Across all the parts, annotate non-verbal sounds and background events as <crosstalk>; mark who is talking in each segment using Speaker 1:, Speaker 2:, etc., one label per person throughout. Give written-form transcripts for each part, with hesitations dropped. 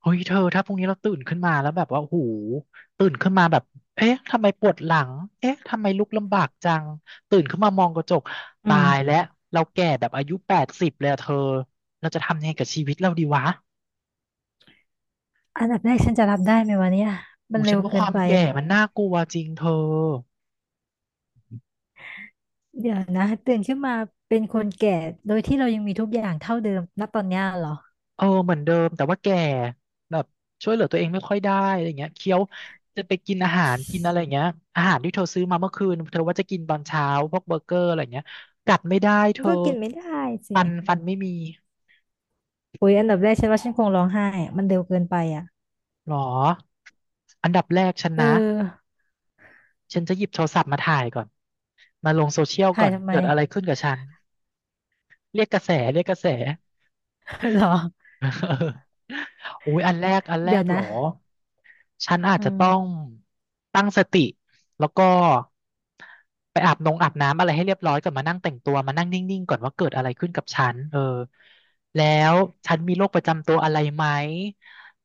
Speaker 1: เฮ้ยเธอถ้าพรุ่งนี้เราตื่นขึ้นมาแล้วแบบว่าโอ้โหูตื่นขึ้นมาแบบเอ๊ะทำไมปวดหลังเอ๊ะทำไมลุกลำบากจังตื่นขึ้นมามองกระจก
Speaker 2: อื
Speaker 1: ตาย
Speaker 2: ม
Speaker 1: แล้วเราแก่แบบอายุ80เลยอะเธอเราจะทำยังไงกับชีวิตเราดีวะ
Speaker 2: อันดับแรกฉันจะรับได้ไหมวะเนี่ยมั
Speaker 1: อู
Speaker 2: นเร็
Speaker 1: ฉัน
Speaker 2: ว
Speaker 1: ว่า
Speaker 2: เกิ
Speaker 1: ค
Speaker 2: น
Speaker 1: วาม
Speaker 2: ไป
Speaker 1: แก่มันน่ากลัวจริงเธอ
Speaker 2: เดี๋ยวนะตื่นขึ้นมาเป็นคนแก่โดยที่เรายังมีทุกอย่างเท่าเดิมณตอนเนี้ยเหรอ
Speaker 1: เออเหมือนเดิมแต่ว่าแก่แบบช่วยเหลือตัวเองไม่ค่อยได้อะไรเงี้ยเคี้ยวจะไปกินอาหารกินอะไรเงี้ยอาหารที่เธอซื้อมาเมื่อคืนเธอว่าจะกินตอนเช้าพวกเบอร์เกอร์อะไรเงี้ยกัดไม่ได้เธ
Speaker 2: มัน
Speaker 1: อ
Speaker 2: ก็กินไม่ได้สิ
Speaker 1: ฟันไม่มี
Speaker 2: โอ้ยอันดับแรกฉันว่าฉันคงร้องไห้อะมันเร็วเกินไปอ่ะ
Speaker 1: หรออันดับแรกฉัน
Speaker 2: เอ
Speaker 1: นะ
Speaker 2: อ
Speaker 1: ฉันจะหยิบโทรศัพท์มาถ่ายก่อนมาลงโซเชียล
Speaker 2: ถ่า
Speaker 1: ก่อ
Speaker 2: ย
Speaker 1: น
Speaker 2: ทำไม
Speaker 1: เกิดอะไรขึ้นกับฉันเรียกกระแสเรียกกระแส
Speaker 2: <laughs> เหรอ
Speaker 1: <laughs> อุ้ยอันแรกอันแร
Speaker 2: เดี๋ย
Speaker 1: ก
Speaker 2: ว
Speaker 1: เหร
Speaker 2: นะ
Speaker 1: อ ฉันอาจ
Speaker 2: อื
Speaker 1: จะต้อง
Speaker 2: ม
Speaker 1: ตั้งสติแล้วก็ไปอาบน้ำอะไรให้เรียบร้อยก่อนมานั่งแต่งตัวมานั่งนิ่งๆก่อนว่าเกิดอะไรขึ้นกับฉันเออแล้วฉันมีโรคประจำตัวอะไรไหม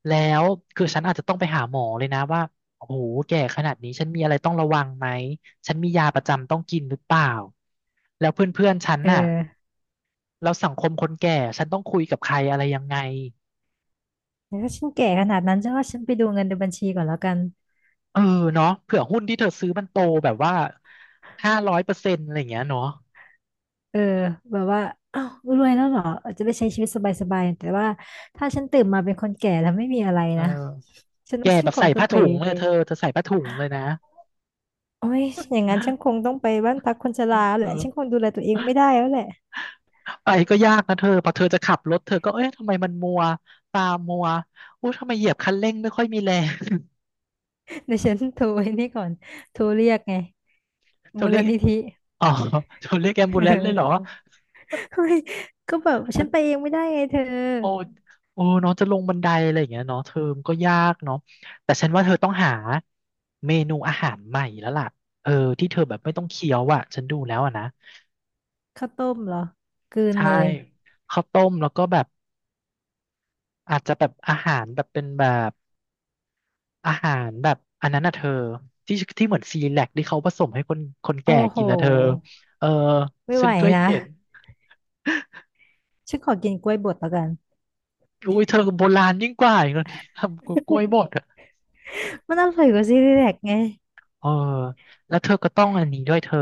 Speaker 1: แล้วคือฉันอาจจะต้องไปหาหมอเลยนะว่าโอ้โหแก่ขนาดนี้ฉันมีอะไรต้องระวังไหมฉันมียาประจำต้องกินหรือเปล่าแล้วเพื่อนๆฉัน
Speaker 2: เอ
Speaker 1: น่ะ
Speaker 2: อ
Speaker 1: แล้วสังคมคนแก่ฉันต้องคุยกับใครอะไรยังไง
Speaker 2: แต่ถ้าฉันแก่ขนาดนั้นฉันว่าฉันไปดูเงินในบัญชีก่อนแล้วกัน
Speaker 1: เออเนาะเผื่อหุ้นที่เธอซื้อมันโตแบบว่า500%อะไรอย่างเงี้ยเนาะ
Speaker 2: เออแบบว่าอ้าวรวยแล้วเหรออาจจะไปใช้ชีวิตสบายๆแต่ว่าถ้าฉันตื่นมาเป็นคนแก่แล้วไม่มีอะไร
Speaker 1: เอ
Speaker 2: นะ
Speaker 1: อ
Speaker 2: ฉัน
Speaker 1: แก
Speaker 2: ว่าฉั
Speaker 1: แบ
Speaker 2: น
Speaker 1: บ
Speaker 2: ค
Speaker 1: ใส่
Speaker 2: งต้อ
Speaker 1: ผ้า
Speaker 2: งไป
Speaker 1: ถุงเลยเธอเธอใส่ผ้าถุงเลยนะ
Speaker 2: โอ้ยอย่างนั้นฉันคงต้องไปบ้านพักคนชราแหละฉันค
Speaker 1: เออ
Speaker 2: งดูแลตัวเองไม่ได้แล้วแหละ
Speaker 1: ไปก็ยากนะเธอพอเธอจะขับรถเธอก็เอ๊ะทำไมมันมัวตามัวอู้ทำไมเหยียบคันเร่งไม่ค่อยมีแรง
Speaker 2: เดี๋ยวฉันโทรไอ้นี่ก่อนโทรเรียกไง
Speaker 1: <laughs> เธอ
Speaker 2: มู
Speaker 1: เรี
Speaker 2: ล
Speaker 1: ยก
Speaker 2: นิธิ
Speaker 1: อ๋อเธอเรียกแอม
Speaker 2: <laughs> เ
Speaker 1: บูเลนซ์เลยเหรอ
Speaker 2: ออเฮ้ยก็แบบฉันไปเองไม่ได้ไงเธอ
Speaker 1: โอ้โอ้เน้องจะลงบันไดอะไรอย่างเงี้ยเนาะเทอมก็ยากเนาะแต่ฉันว่าเธอต้องหาเมนูอาหารใหม่แล้วล่ะเออที่เธอแบบไม่ต้องเคี้ยวอ่ะฉันดูแล้วอ่ะนะ
Speaker 2: ข้าวต้มเหรอกลืน
Speaker 1: ใช่
Speaker 2: เลย
Speaker 1: ข้าวต้มแล้วก็แบบอาจจะแบบอาหารแบบเป็นแบบอาหารแบบอันนั้นน่ะเธอที่ที่เหมือนซีแลกที่เขาผสมให้คน
Speaker 2: โอ้
Speaker 1: แก่
Speaker 2: โห
Speaker 1: กินนะเธอเออ
Speaker 2: ไม่
Speaker 1: ฉั
Speaker 2: ไห
Speaker 1: น
Speaker 2: ว
Speaker 1: เคย
Speaker 2: นะ
Speaker 1: เห็น
Speaker 2: ฉันขอกินกล้วยบดแล้วกัน
Speaker 1: อุ้ยเธอโบราณยิ่งกว่าอีกแล้ว <laughs> พี่ทำกล้วยบด
Speaker 2: มันอร่อยกว่าซีรีแลกไง
Speaker 1: เออแล้วเธอก็ต้องอันนี้ด้วยเธอ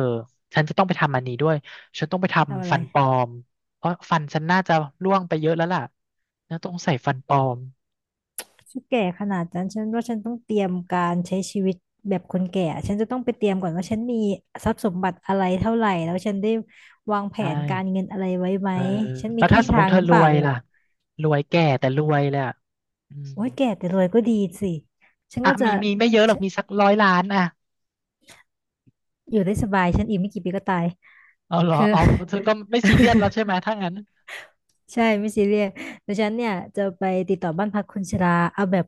Speaker 1: ฉันจะต้องไปทำอันนี้ด้วยฉันต้องไป
Speaker 2: ทำอะ
Speaker 1: ทำ
Speaker 2: ไร
Speaker 1: ฟันปลอมเพราะฟันฉันน่าจะร่วงไปเยอะแล้วล่ะแล้วต้องใส่ฟันปลอม
Speaker 2: ฉันแก่ขนาดนั้นฉันว่าฉันต้องเตรียมการใช้ชีวิตแบบคนแก่ ฉันจะต้องไปเตรียมก่อนว่าฉันมีทรัพย์สมบัติอะไรเท่าไหร่แล้วฉันได้วางแผ
Speaker 1: ใช่
Speaker 2: นการเงินอะไรไว้ไหม
Speaker 1: เออ
Speaker 2: ฉันมี
Speaker 1: แล้วถ้า
Speaker 2: ที่
Speaker 1: สมม
Speaker 2: ทา
Speaker 1: ติ
Speaker 2: ง
Speaker 1: เธ
Speaker 2: ห
Speaker 1: อ
Speaker 2: รือ
Speaker 1: ร
Speaker 2: เปล่า
Speaker 1: วย
Speaker 2: เนี่ย
Speaker 1: ล่ะรวยแก่แต่รวยเลยอ่ะอืม
Speaker 2: โอ้ยแก่แต่รวยก็ดีสิฉัน
Speaker 1: อ่ะ
Speaker 2: ก็จะ
Speaker 1: มีไม่เยอะหรอก
Speaker 2: ฉัน
Speaker 1: มีสักร้อยล้านอ่ะ
Speaker 2: อยู่ได้สบายฉันอีกไม่กี่ปีก็ตาย
Speaker 1: เอาเหรอ
Speaker 2: คือ
Speaker 1: อ๋อเธ
Speaker 2: <laughs>
Speaker 1: อก็ไม่ซีเรียสแล้วใช่ไหมถ้างั้น
Speaker 2: ใช่ไม่ซีเรียสแต่ฉันเนี่ยจะไปติดต่อบ้านพักคนชราเอาแบบ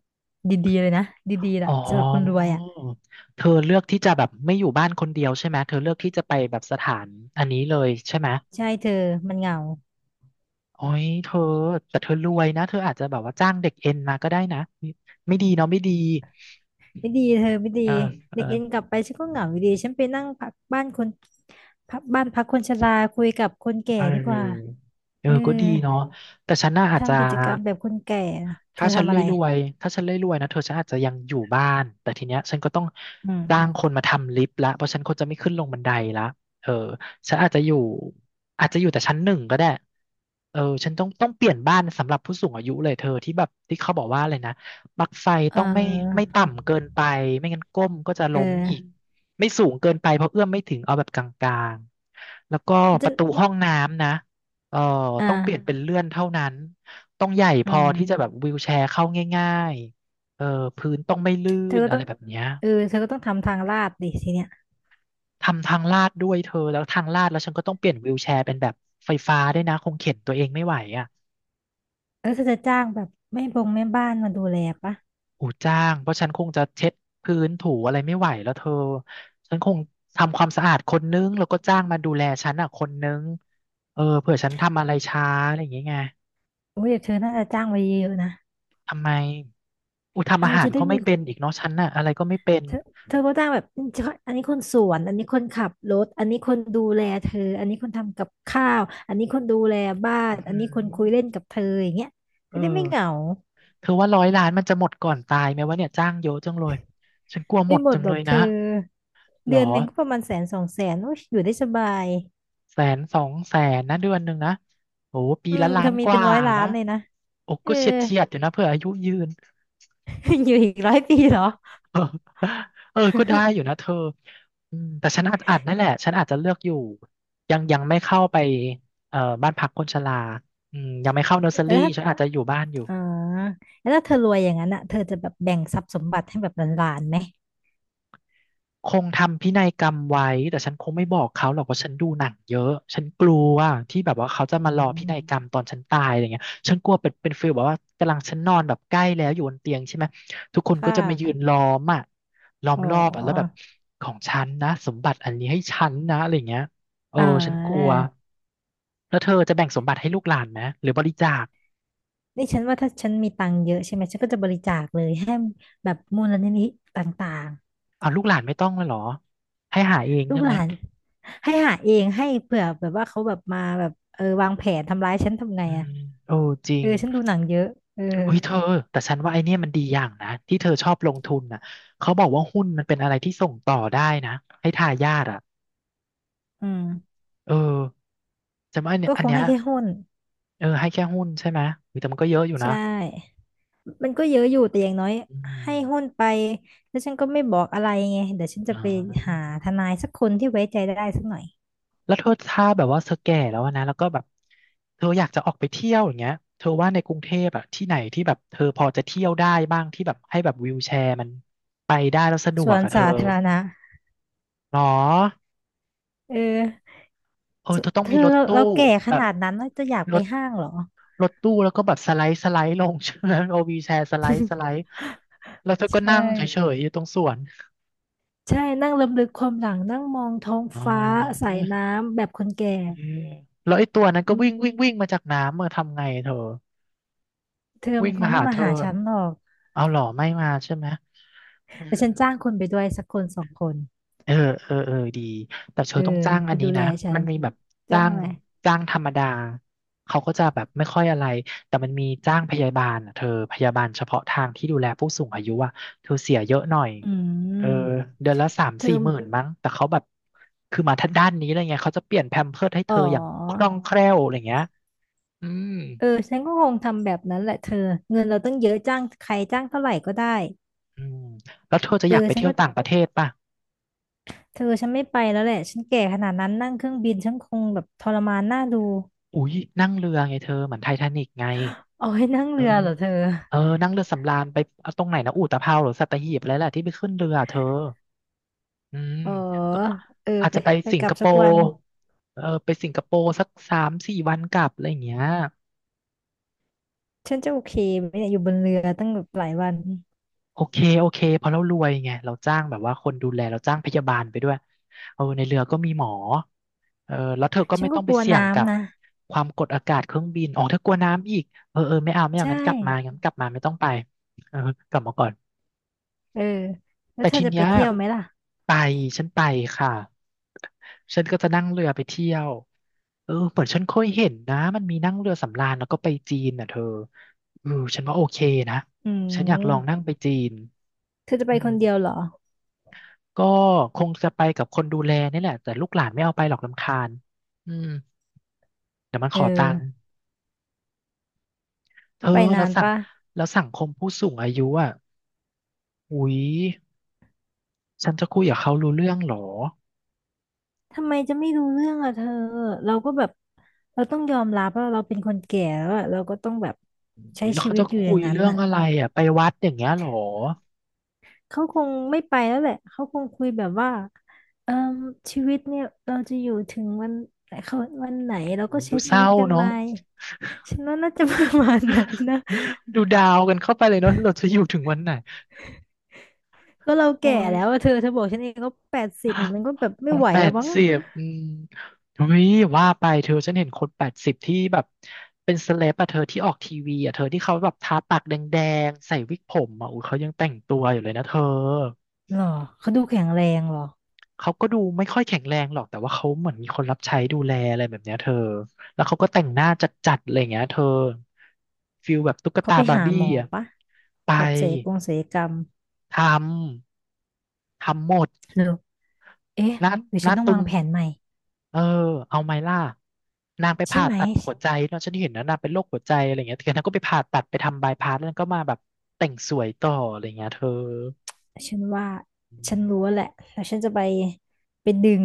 Speaker 2: ดีๆเลยนะดีๆล่ะ
Speaker 1: อ๋อ
Speaker 2: สำหรับคนรวยอ่ะ
Speaker 1: เธอเลือกที่จะแบบไม่อยู่บ้านคนเดียวใช่ไหมเธอเลือกที่จะไปแบบสถานอันนี้เลยใช่ไหม
Speaker 2: ใช่เธอมันเหงา
Speaker 1: โอ้ยเธอแต่เธอรวยนะเธออาจจะแบบว่าจ้างเด็กเอ็นมาก็ได้นะไม่ไม่ดีเนาะไม่ดี
Speaker 2: ไม่ดีเธอไม่ดี
Speaker 1: เออเอ
Speaker 2: เด็
Speaker 1: อ
Speaker 2: กเอ็นกลับไปฉันก็เหงาอยู่ดีฉันไปนั่งพักบ้านคนพักบ้านพักคนชราคุยกับคนแก่
Speaker 1: เ
Speaker 2: ดีกว่า
Speaker 1: ออเออ
Speaker 2: เออ
Speaker 1: ก็ดีเนาะแต่ฉันน่ะอาจจะ
Speaker 2: ทำกิจกรรมแบบคนแก่เธ
Speaker 1: ถ้า
Speaker 2: อ
Speaker 1: ฉัน
Speaker 2: ทำ
Speaker 1: ร
Speaker 2: อะไร
Speaker 1: วยๆถ้าฉันรวยๆนะเธอฉันอาจจะยังอยู่บ้านแต่ทีเนี้ยฉันก็ต้อง
Speaker 2: อื
Speaker 1: จ้าง
Speaker 2: ม
Speaker 1: คนมาทำลิฟต์ละเพราะฉันคนจะไม่ขึ้นลงบันไดละเออฉันอาจจะอยู่อาจจะอยู่แต่ชั้นหนึ่งก็ได้เออฉันต้องเปลี่ยนบ้านสำหรับผู้สูงอายุเลยเธอที่แบบที่เขาบอกว่าอะไรนะปลั๊กไฟ
Speaker 2: เ
Speaker 1: ต้องไม่ไม่
Speaker 2: ออ
Speaker 1: ต่ำเกินไป ไม่งั้นก้มก็จะ
Speaker 2: เออ
Speaker 1: ล้มอีก ไม่สูงเกินไปเพราะเอื้อมไม่ถึงเอาแบบกลางๆแล้วก็
Speaker 2: แล้ว
Speaker 1: ป
Speaker 2: จะ
Speaker 1: ระตูห้องน้ำนะเออ
Speaker 2: อ่า
Speaker 1: ต้องเปลี่ยนเป็นเลื่อนเท่านั้น ต้องใหญ่พ
Speaker 2: อื
Speaker 1: อ
Speaker 2: ม
Speaker 1: ที่จะแบบวีลแชร์เข้าง่ายๆเออพื้นต้องไม่ลื่
Speaker 2: เธอ
Speaker 1: น
Speaker 2: ก็
Speaker 1: อะ
Speaker 2: ต้
Speaker 1: ไร
Speaker 2: อง
Speaker 1: แบบเนี้ย
Speaker 2: เออเธอก็ต้องทำทางลาดดิทีเนี้ย
Speaker 1: ทำทางลาดด้วยเธอแล้วทางลาดแล้วฉันก็ต้องเปลี่ยนวีลแชร์เป็นแบบไฟฟ้าด้วยนะคงเข็นตัวเองไม่ไหวอ่ะ
Speaker 2: แล้วเธอจะจ้างแบบแม่บ้านมาดูแลปะ
Speaker 1: หูจ้างเพราะฉันคงจะเช็ดพื้นถูอะไรไม่ไหวแล้วเธอฉันคงทำความสะอาดคนนึงแล้วก็จ้างมาดูแลฉันอ่ะคนนึงเออเผื่อฉันทำอะไรช้าอะไรอย่างเงี้ยไง
Speaker 2: โอ้ยเดี๋ยวเธอน่าจะจ้างไว้เยอะๆนะ
Speaker 1: ทำไมอุยทำอา
Speaker 2: เอา
Speaker 1: หาร
Speaker 2: จะได้
Speaker 1: ก็ไม่
Speaker 2: มี
Speaker 1: เป็นอีกเนาะฉันน่ะอะไรก็ไม่เป็น
Speaker 2: เธอเธอก็จ้างแบบอเธออันนี้คนสวนอันนี้คนขับรถอันนี้คนดูแลเธออันนี้คนทำกับข้าวอันนี้คนดูแลบ้าน
Speaker 1: อือ
Speaker 2: อัน
Speaker 1: หือ
Speaker 2: นี้คนคุยเล่นกับเธออย่างเงี้ย
Speaker 1: เอ
Speaker 2: จะ
Speaker 1: อ
Speaker 2: ได้ไม่เหงา
Speaker 1: เธอว่า100 ล้านมันจะหมดก่อนตายไหมวะเนี่ยจ้างเยอะจังเลยฉันกลัวหม
Speaker 2: ไม่
Speaker 1: ด
Speaker 2: หม
Speaker 1: จั
Speaker 2: ด
Speaker 1: ง
Speaker 2: หร
Speaker 1: เล
Speaker 2: อก
Speaker 1: ย
Speaker 2: เธ
Speaker 1: นะ
Speaker 2: อ
Speaker 1: หรอ
Speaker 2: เดือนหนึ่งก็ประมาณแสนสองแสนโอ้ยอยู่ได้สบาย
Speaker 1: แสนสองแสนนะเดือนหนึ่งนะโอ้ปี
Speaker 2: อืม
Speaker 1: ละล้า
Speaker 2: เธอ
Speaker 1: น
Speaker 2: มี
Speaker 1: ก
Speaker 2: เป็น
Speaker 1: ว่า
Speaker 2: ร้อยล้า
Speaker 1: นะ
Speaker 2: นเลยนะ
Speaker 1: โอ้
Speaker 2: เออ
Speaker 1: ก็เฉียดเฉียดอยู่นะเผื่ออายุยืน
Speaker 2: <laughs> อยู่อีก100 ปีเหรอ
Speaker 1: <laughs> เออเออก็ได้อยู่นะเธออืมแต่ฉันอาจนั่นแหละฉันอาจจะเลือกอยู่ยังไม่เข้าไปเอ่อบ้านพักคนชราอืมยังไม่เข้าเนอร์เซ
Speaker 2: <laughs>
Speaker 1: อ
Speaker 2: แล้
Speaker 1: รี่
Speaker 2: วถ้า
Speaker 1: ฉันอาจจะอยู่บ้านอยู่
Speaker 2: อ๋อแล้วถ้าเธอรวยอย่างนั้นอ่ะเธอจะแบบแบ่งทรัพย์สมบัติให้แบบหลานๆไหม
Speaker 1: คงทำพินัยกรรมไว้แต่ฉันคงไม่บอกเขาหรอกว่าฉันดูหนังเยอะฉันกลัวที่แบบว่าเขาจะ
Speaker 2: อื
Speaker 1: มารอพินัยก
Speaker 2: ม
Speaker 1: รรมตอนฉันตายอะไรเงี้ยฉันกลัวเป็นฟีลแบบว่ากำลังฉันนอนแบบใกล้แล้วอยู่บนเตียงใช่ไหมทุกคนก็
Speaker 2: ค่
Speaker 1: จะมายืน
Speaker 2: ะ
Speaker 1: ล้อมอ่ะล้อม
Speaker 2: อ๋อ
Speaker 1: รอบอ่ะแล้วแบบของฉันนะสมบัติอันนี้ให้ฉันนะอะไรเงี้ยเออ
Speaker 2: เ
Speaker 1: ฉันกลั
Speaker 2: อ
Speaker 1: ว
Speaker 2: อ
Speaker 1: แล้วเธอจะแบ่งสมบัติให้ลูกหลานไหมหรือบริจาค
Speaker 2: ดิฉันว่าถ้าฉันมีตังค์เยอะใช่ไหมฉันก็จะบริจาคเลยให้แบบมูลนิธิต่าง
Speaker 1: เอาลูกหลานไม่ต้องเลยเหรอให้หาเอง
Speaker 2: ๆลู
Speaker 1: ใช่
Speaker 2: กห
Speaker 1: ไหม
Speaker 2: ลานให้หาเองให้เผื่อแบบว่าเขาแบบมาแบบเออวางแผนทำร้ายฉันทำไง
Speaker 1: อื
Speaker 2: อะ
Speaker 1: มโอ้จริ
Speaker 2: เออ
Speaker 1: ง
Speaker 2: ฉันดูหนังเยอะเออ
Speaker 1: อุ้ยเธอแต่ฉันว่าไอเนี่ยมันดีอย่างนะที่เธอชอบลงทุนน่ะเขาบอกว่าหุ้นมันเป็นอะไรที่ส่งต่อได้นะให้ทายาทอ่ะ
Speaker 2: อืม
Speaker 1: เออจำว่าอันเนี้ย
Speaker 2: ก็
Speaker 1: อั
Speaker 2: ค
Speaker 1: น
Speaker 2: ง
Speaker 1: เนี้ย
Speaker 2: ให้แค่หุ้น
Speaker 1: เออให้แค่หุ้นใช่ไหมอุ๊ยแต่มันก็เยอะอยู่
Speaker 2: ใช
Speaker 1: นะ
Speaker 2: ่มันก็เยอะอยู่แต่อย่างน้อย
Speaker 1: อื
Speaker 2: ให้หุ้น
Speaker 1: ม
Speaker 2: ไปแล้วฉันก็ไม่บอกอะไรไงเดี๋ยวฉันจะ
Speaker 1: อ๋อ
Speaker 2: ไปหาทนายสักคนที่ไว้ใจได้สักหน่อย
Speaker 1: แล้วเธอถ้าแบบว่าเธอแก่แล้วอะนะแล้วก็แบบเธออยากจะออกไปเที่ยวอย่างเงี้ยเธอว่าในกรุงเทพอะที่ไหนที่แบบเธอพอจะเที่ยวได้บ้างที่แบบให้แบบวีลแชร์มันไปได้แล้วสะดว
Speaker 2: ส่ว
Speaker 1: ก
Speaker 2: น
Speaker 1: อะเธอ
Speaker 2: สาธารณะ
Speaker 1: หรอ
Speaker 2: เออ
Speaker 1: เออ
Speaker 2: สุ
Speaker 1: เธอต้อง
Speaker 2: เธ
Speaker 1: มี
Speaker 2: อ
Speaker 1: รถ
Speaker 2: เรา
Speaker 1: ตู้
Speaker 2: เราแก่ข
Speaker 1: แบบ
Speaker 2: นาดนั้นแล้วจะอยาก
Speaker 1: ร
Speaker 2: ไป
Speaker 1: ถ
Speaker 2: ห้างเหรอ
Speaker 1: รถตู้แล้วก็แบบสไลด์ลง <laughs> ใช่ไหมเอาวีแชร์สไลด์แล้วเธอก็
Speaker 2: ใช่
Speaker 1: นั่งเฉยๆอยู่ตรงสวน
Speaker 2: ใช่นั่งรำลึกความหลังนั่งมองท้อง
Speaker 1: อ๋อ
Speaker 2: ฟ้าสายน้ำแบบคนแก่
Speaker 1: เออแล้วไอ้ตัวนั้น
Speaker 2: อื
Speaker 1: ก็วิ่ง
Speaker 2: ม
Speaker 1: วิ่งวิ่งมาจากน้ำเมื่ออทำไงเธอ
Speaker 2: เธอมั
Speaker 1: วิ่ง
Speaker 2: นคง
Speaker 1: มา
Speaker 2: ไม่
Speaker 1: หา
Speaker 2: มา
Speaker 1: เธอ
Speaker 2: หาฉันหรอก
Speaker 1: เอาหรอไม่มาใช่ไหมอื
Speaker 2: แต่
Speaker 1: ม
Speaker 2: ฉันจ้างคนไปด้วยสักคนสองคน
Speaker 1: เออเออ เออ ดี แต่เธ
Speaker 2: เอ
Speaker 1: อ
Speaker 2: อ
Speaker 1: ต้องจ้างอั
Speaker 2: ไป
Speaker 1: นนี้
Speaker 2: ดูแล
Speaker 1: นะ
Speaker 2: ฉั
Speaker 1: มั
Speaker 2: น
Speaker 1: นมีแบบ
Speaker 2: จ้า
Speaker 1: จ้า
Speaker 2: ง
Speaker 1: ง
Speaker 2: อะไร
Speaker 1: จ้างธรรมดาเขาก็จะแบบไม่ค่อยอะไร แต่มันมีจ้างพยาบาลอ่ะเธอพยาบาลเฉพาะทางที่ดูแลผู้สูงอายุอ่ะเธอเสียเยอะหน่อย
Speaker 2: อื
Speaker 1: เออ
Speaker 2: ม
Speaker 1: เดือนละสาม
Speaker 2: เธ
Speaker 1: สี่
Speaker 2: อ
Speaker 1: หมื่นมั้ง แต่เขาแบบคือมาทางด้านนี้เลยไงเขาจะเปลี่ยนแพมเพิร์สให้
Speaker 2: อ๋
Speaker 1: เธออย่างคล่
Speaker 2: อ
Speaker 1: องแคล่วอะไรเงี้ยอืม
Speaker 2: เออฉันก็คงทำแบบนั้นแหละเธอเงินเราตั้งเยอะจ้างใครจ้างเท่าไหร่ก็ได้
Speaker 1: อืมแล้วเธอจะ
Speaker 2: เอ
Speaker 1: อ
Speaker 2: อ
Speaker 1: ยากไป
Speaker 2: ฉัน
Speaker 1: เที่ย
Speaker 2: ก็
Speaker 1: วต่างประเทศป่ะ
Speaker 2: เธอฉันไม่ไปแล้วแหละฉันแก่ขนาดนั้นนั่งเครื่องบินฉันคงแบบทรมานน่าดู
Speaker 1: อุ๊ยนั่งเรือไงเธอเหมือนไททานิกไง
Speaker 2: เอาให้นั่ง
Speaker 1: เออ
Speaker 2: เรือเหรอเธอ
Speaker 1: เออนั่งเรือสำราญไปเอาตรงไหนนะอุตภเปาวหรือสัตหีบอะไรแหละที่ไปขึ้นเรือเธออืม
Speaker 2: อ๋อ
Speaker 1: ก็
Speaker 2: เออ
Speaker 1: อาจ
Speaker 2: ไป
Speaker 1: จะไป
Speaker 2: ไป
Speaker 1: สิ
Speaker 2: ก
Speaker 1: ง
Speaker 2: ลั
Speaker 1: ค
Speaker 2: บ
Speaker 1: โป
Speaker 2: สักวั
Speaker 1: ร์
Speaker 2: น
Speaker 1: เออไปสิงคโปร์สักสามสี่วันกลับอะไรอย่างเงี้ย
Speaker 2: ฉันจะโอเคไหมเนี่ยอยู่บนเรือตั้งแบบหลายวัน
Speaker 1: โอเคโอเคเพราะเรารวยไงเราจ้างแบบว่าคนดูแลเราจ้างพยาบาลไปด้วยเออในเรือก็มีหมอเออแล้วเธอก็
Speaker 2: ฉั
Speaker 1: ไม่
Speaker 2: นก็
Speaker 1: ต้อง
Speaker 2: ก
Speaker 1: ไป
Speaker 2: ลัว
Speaker 1: เสี่ยงกับ
Speaker 2: น้ำนะ
Speaker 1: ความกดอากาศเครื่องบินอ๋อเธอกลัวน้ำอีกเออเออไม่เอาไม่เอา
Speaker 2: ใช่
Speaker 1: งั้นกลับมางั้นกลับมาไม่ต้องไปเออกลับมาก่อน
Speaker 2: เออแล้ว
Speaker 1: แต่
Speaker 2: เธอ
Speaker 1: ที
Speaker 2: จะไป
Speaker 1: เนี้ย
Speaker 2: เที่ยวไหมล่ะ
Speaker 1: ไปฉันไปค่ะฉันก็จะนั่งเรือไปเที่ยวเออเหมือนฉันเคยเห็นนะมันมีนั่งเรือสำราญแล้วก็ไปจีนน่ะเธอเออฉันว่าโอเคนะ
Speaker 2: อื
Speaker 1: ฉันอยากลองนั่ง
Speaker 2: ม
Speaker 1: ไปจีน
Speaker 2: เธอจะไป
Speaker 1: อื
Speaker 2: ค
Speaker 1: ม
Speaker 2: นเดียวเหรอ
Speaker 1: ก็คงจะไปกับคนดูแลนี่แหละแต่ลูกหลานไม่เอาไปหรอกรำคาญอืมเดี๋ยวมันข
Speaker 2: เอ
Speaker 1: อตังค์
Speaker 2: อ
Speaker 1: เธ
Speaker 2: จะ
Speaker 1: อ
Speaker 2: ไป
Speaker 1: แล้
Speaker 2: นา
Speaker 1: ว
Speaker 2: น
Speaker 1: สั่ง
Speaker 2: ปะ
Speaker 1: แล้วสังคมผู้สูงอายุอ่ะอุ๊ยฉันจะคุยกับเขารู้เรื่องเหรอ
Speaker 2: ทำไมจะไม่รู้เรื่องอ่ะเธอเราก็แบบเราต้องยอมรับว่าเราเป็นคนแก่แล้วอะเราก็ต้องแบบใช้
Speaker 1: อุ๊ยแล้ว
Speaker 2: ชี
Speaker 1: เขา
Speaker 2: วิต
Speaker 1: จะ
Speaker 2: อยู่
Speaker 1: คุ
Speaker 2: อย่า
Speaker 1: ย
Speaker 2: งนั้น
Speaker 1: เรื่อง
Speaker 2: อ่ะ
Speaker 1: อะไรอ่ะไปวัดอย่างเงี้ยเหรอ
Speaker 2: เขาคงไม่ไปแล้วแหละ เขาคงคุยแบบว่าเอ่อชีวิตเนี่ยเราจะอยู่ถึงวันไหนเขาวันไหนเราก็ใช้
Speaker 1: ดูเศ
Speaker 2: ชี
Speaker 1: ร้า
Speaker 2: วิตกันไห
Speaker 1: เนาะ
Speaker 2: มาฉันว่าน่าจะประมาณนั้นนะ <laughs>
Speaker 1: <laughs> ดูดาวกันเข้าไปเลยเนาะเราจะอยู่ถึงวันไหน
Speaker 2: ก็เรา
Speaker 1: โอ้
Speaker 2: แก่
Speaker 1: ย
Speaker 2: แล้วอะเธอเธอบอกฉันเองก็80มันก็แบบ
Speaker 1: ผ
Speaker 2: ไม่
Speaker 1: ม
Speaker 2: ไหว
Speaker 1: แป
Speaker 2: แล้ว
Speaker 1: ด
Speaker 2: มั้ง
Speaker 1: สิบอืมเฮ้ยว่าไปเธอฉันเห็นคนแปดสิบที่แบบเป็นเซเลบอะเธอที่ออกทีวีอะเธอที่เขาแบบทาปากแดงๆใส่วิกผมอะอุ้ยเขายังแต่งตัวอยู่เลยนะเธอ
Speaker 2: หรอเขาดูแข็งแรงหรอ
Speaker 1: เขาก็ดูไม่ค่อยแข็งแรงหรอกแต่ว่าเขาเหมือนมีคนรับใช้ดูแลอะไรแบบเนี้ยเธอแล้วเขาก็แต่งหน้าจัดๆอะไรอย่างเงี้ยเธอฟิลแบบตุ๊ก
Speaker 2: เขา
Speaker 1: ตา
Speaker 2: ไป
Speaker 1: บาร์
Speaker 2: หา
Speaker 1: บี้
Speaker 2: หมอ
Speaker 1: อ่ะ
Speaker 2: ปะ
Speaker 1: ไป
Speaker 2: แบบศัลยกรรม
Speaker 1: ทำทำหมด
Speaker 2: หรือเอ๊ะ
Speaker 1: หน้า
Speaker 2: หรือ
Speaker 1: ห
Speaker 2: ฉั
Speaker 1: น้า
Speaker 2: นต้อง
Speaker 1: ตึ
Speaker 2: วา
Speaker 1: ง
Speaker 2: งแผนใหม่
Speaker 1: เออเอาไหมล่ะนางไป
Speaker 2: ใช่
Speaker 1: ผ่า
Speaker 2: ไหม
Speaker 1: ตัดหัวใจเนอะฉันเห็นนะนางเป็นโรคหัวใจอะไรเงี้ยเธอนางก็ไปผ่าตัดไปทำบายพาสแล้วนางก็มาแบบแต่งสวยต่ออะไรเงี้ยเธอ
Speaker 2: ฉันว่า
Speaker 1: อื
Speaker 2: ฉั
Speaker 1: ม
Speaker 2: นรู้แหละแล้วฉันจะไปไปดึง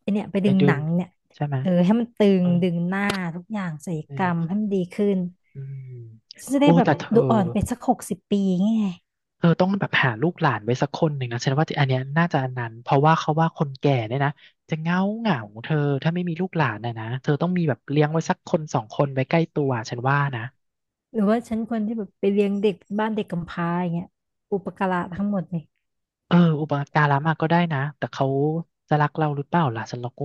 Speaker 2: ไอเนี่ยไป
Speaker 1: ไป
Speaker 2: ดึง
Speaker 1: ดึ
Speaker 2: หนั
Speaker 1: ง
Speaker 2: งเนี่ย
Speaker 1: ใช่ไหม
Speaker 2: เออให้มันตึ
Speaker 1: เอ
Speaker 2: ง
Speaker 1: อ
Speaker 2: ดึงหน้าทุกอย่างศัลยกรรม
Speaker 1: เออ
Speaker 2: ให้มันดีขึ้น
Speaker 1: อืม
Speaker 2: ฉันจะ
Speaker 1: โอ้
Speaker 2: ได้แบบ
Speaker 1: แต่เธอ
Speaker 2: ดูอ่อนไปสัก60 ปีไง
Speaker 1: เออต้องแบบหาลูกหลานไว้สักคนหนึ่งนะฉันว่าอันเนี้ยน่าจะอันนั้นเพราะว่าเขาว่าคนแก่เนี่ยนะจะเหงาเหงาเธอถ้าไม่มีลูกหลานนะเธอต้องมีแบบเลี้ยงไว้สักคนสองคนไว้ใกล้ตัวฉันว่านะ
Speaker 2: หรือว่าฉันควรที่แบบไปเลี้ยงเด็กบ้านเด็กกำพร้าอย่างเงี้ยอุปการะทั้งหมดเลย
Speaker 1: เอออุปการะมาก็ได้นะแต่เขาจะรักเราหรือเปล่าล่ะฉันเราก็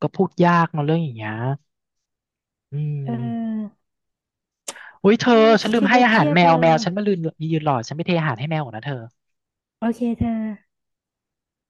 Speaker 1: ก็พูดยากเนาะเรื่องอย่างเงี้ยอืม
Speaker 2: เออ
Speaker 1: อุ้ยเธอ
Speaker 2: โอ้ย
Speaker 1: ฉันลืม
Speaker 2: คิด
Speaker 1: ให้
Speaker 2: แล้ว
Speaker 1: อา
Speaker 2: เค
Speaker 1: หาร
Speaker 2: รียด
Speaker 1: แมว
Speaker 2: เล
Speaker 1: แม
Speaker 2: ย
Speaker 1: วฉันมาลืมยืนรอฉันไม่เทอาหารให้แมวก่อนนะเธอ
Speaker 2: โอเคเธอ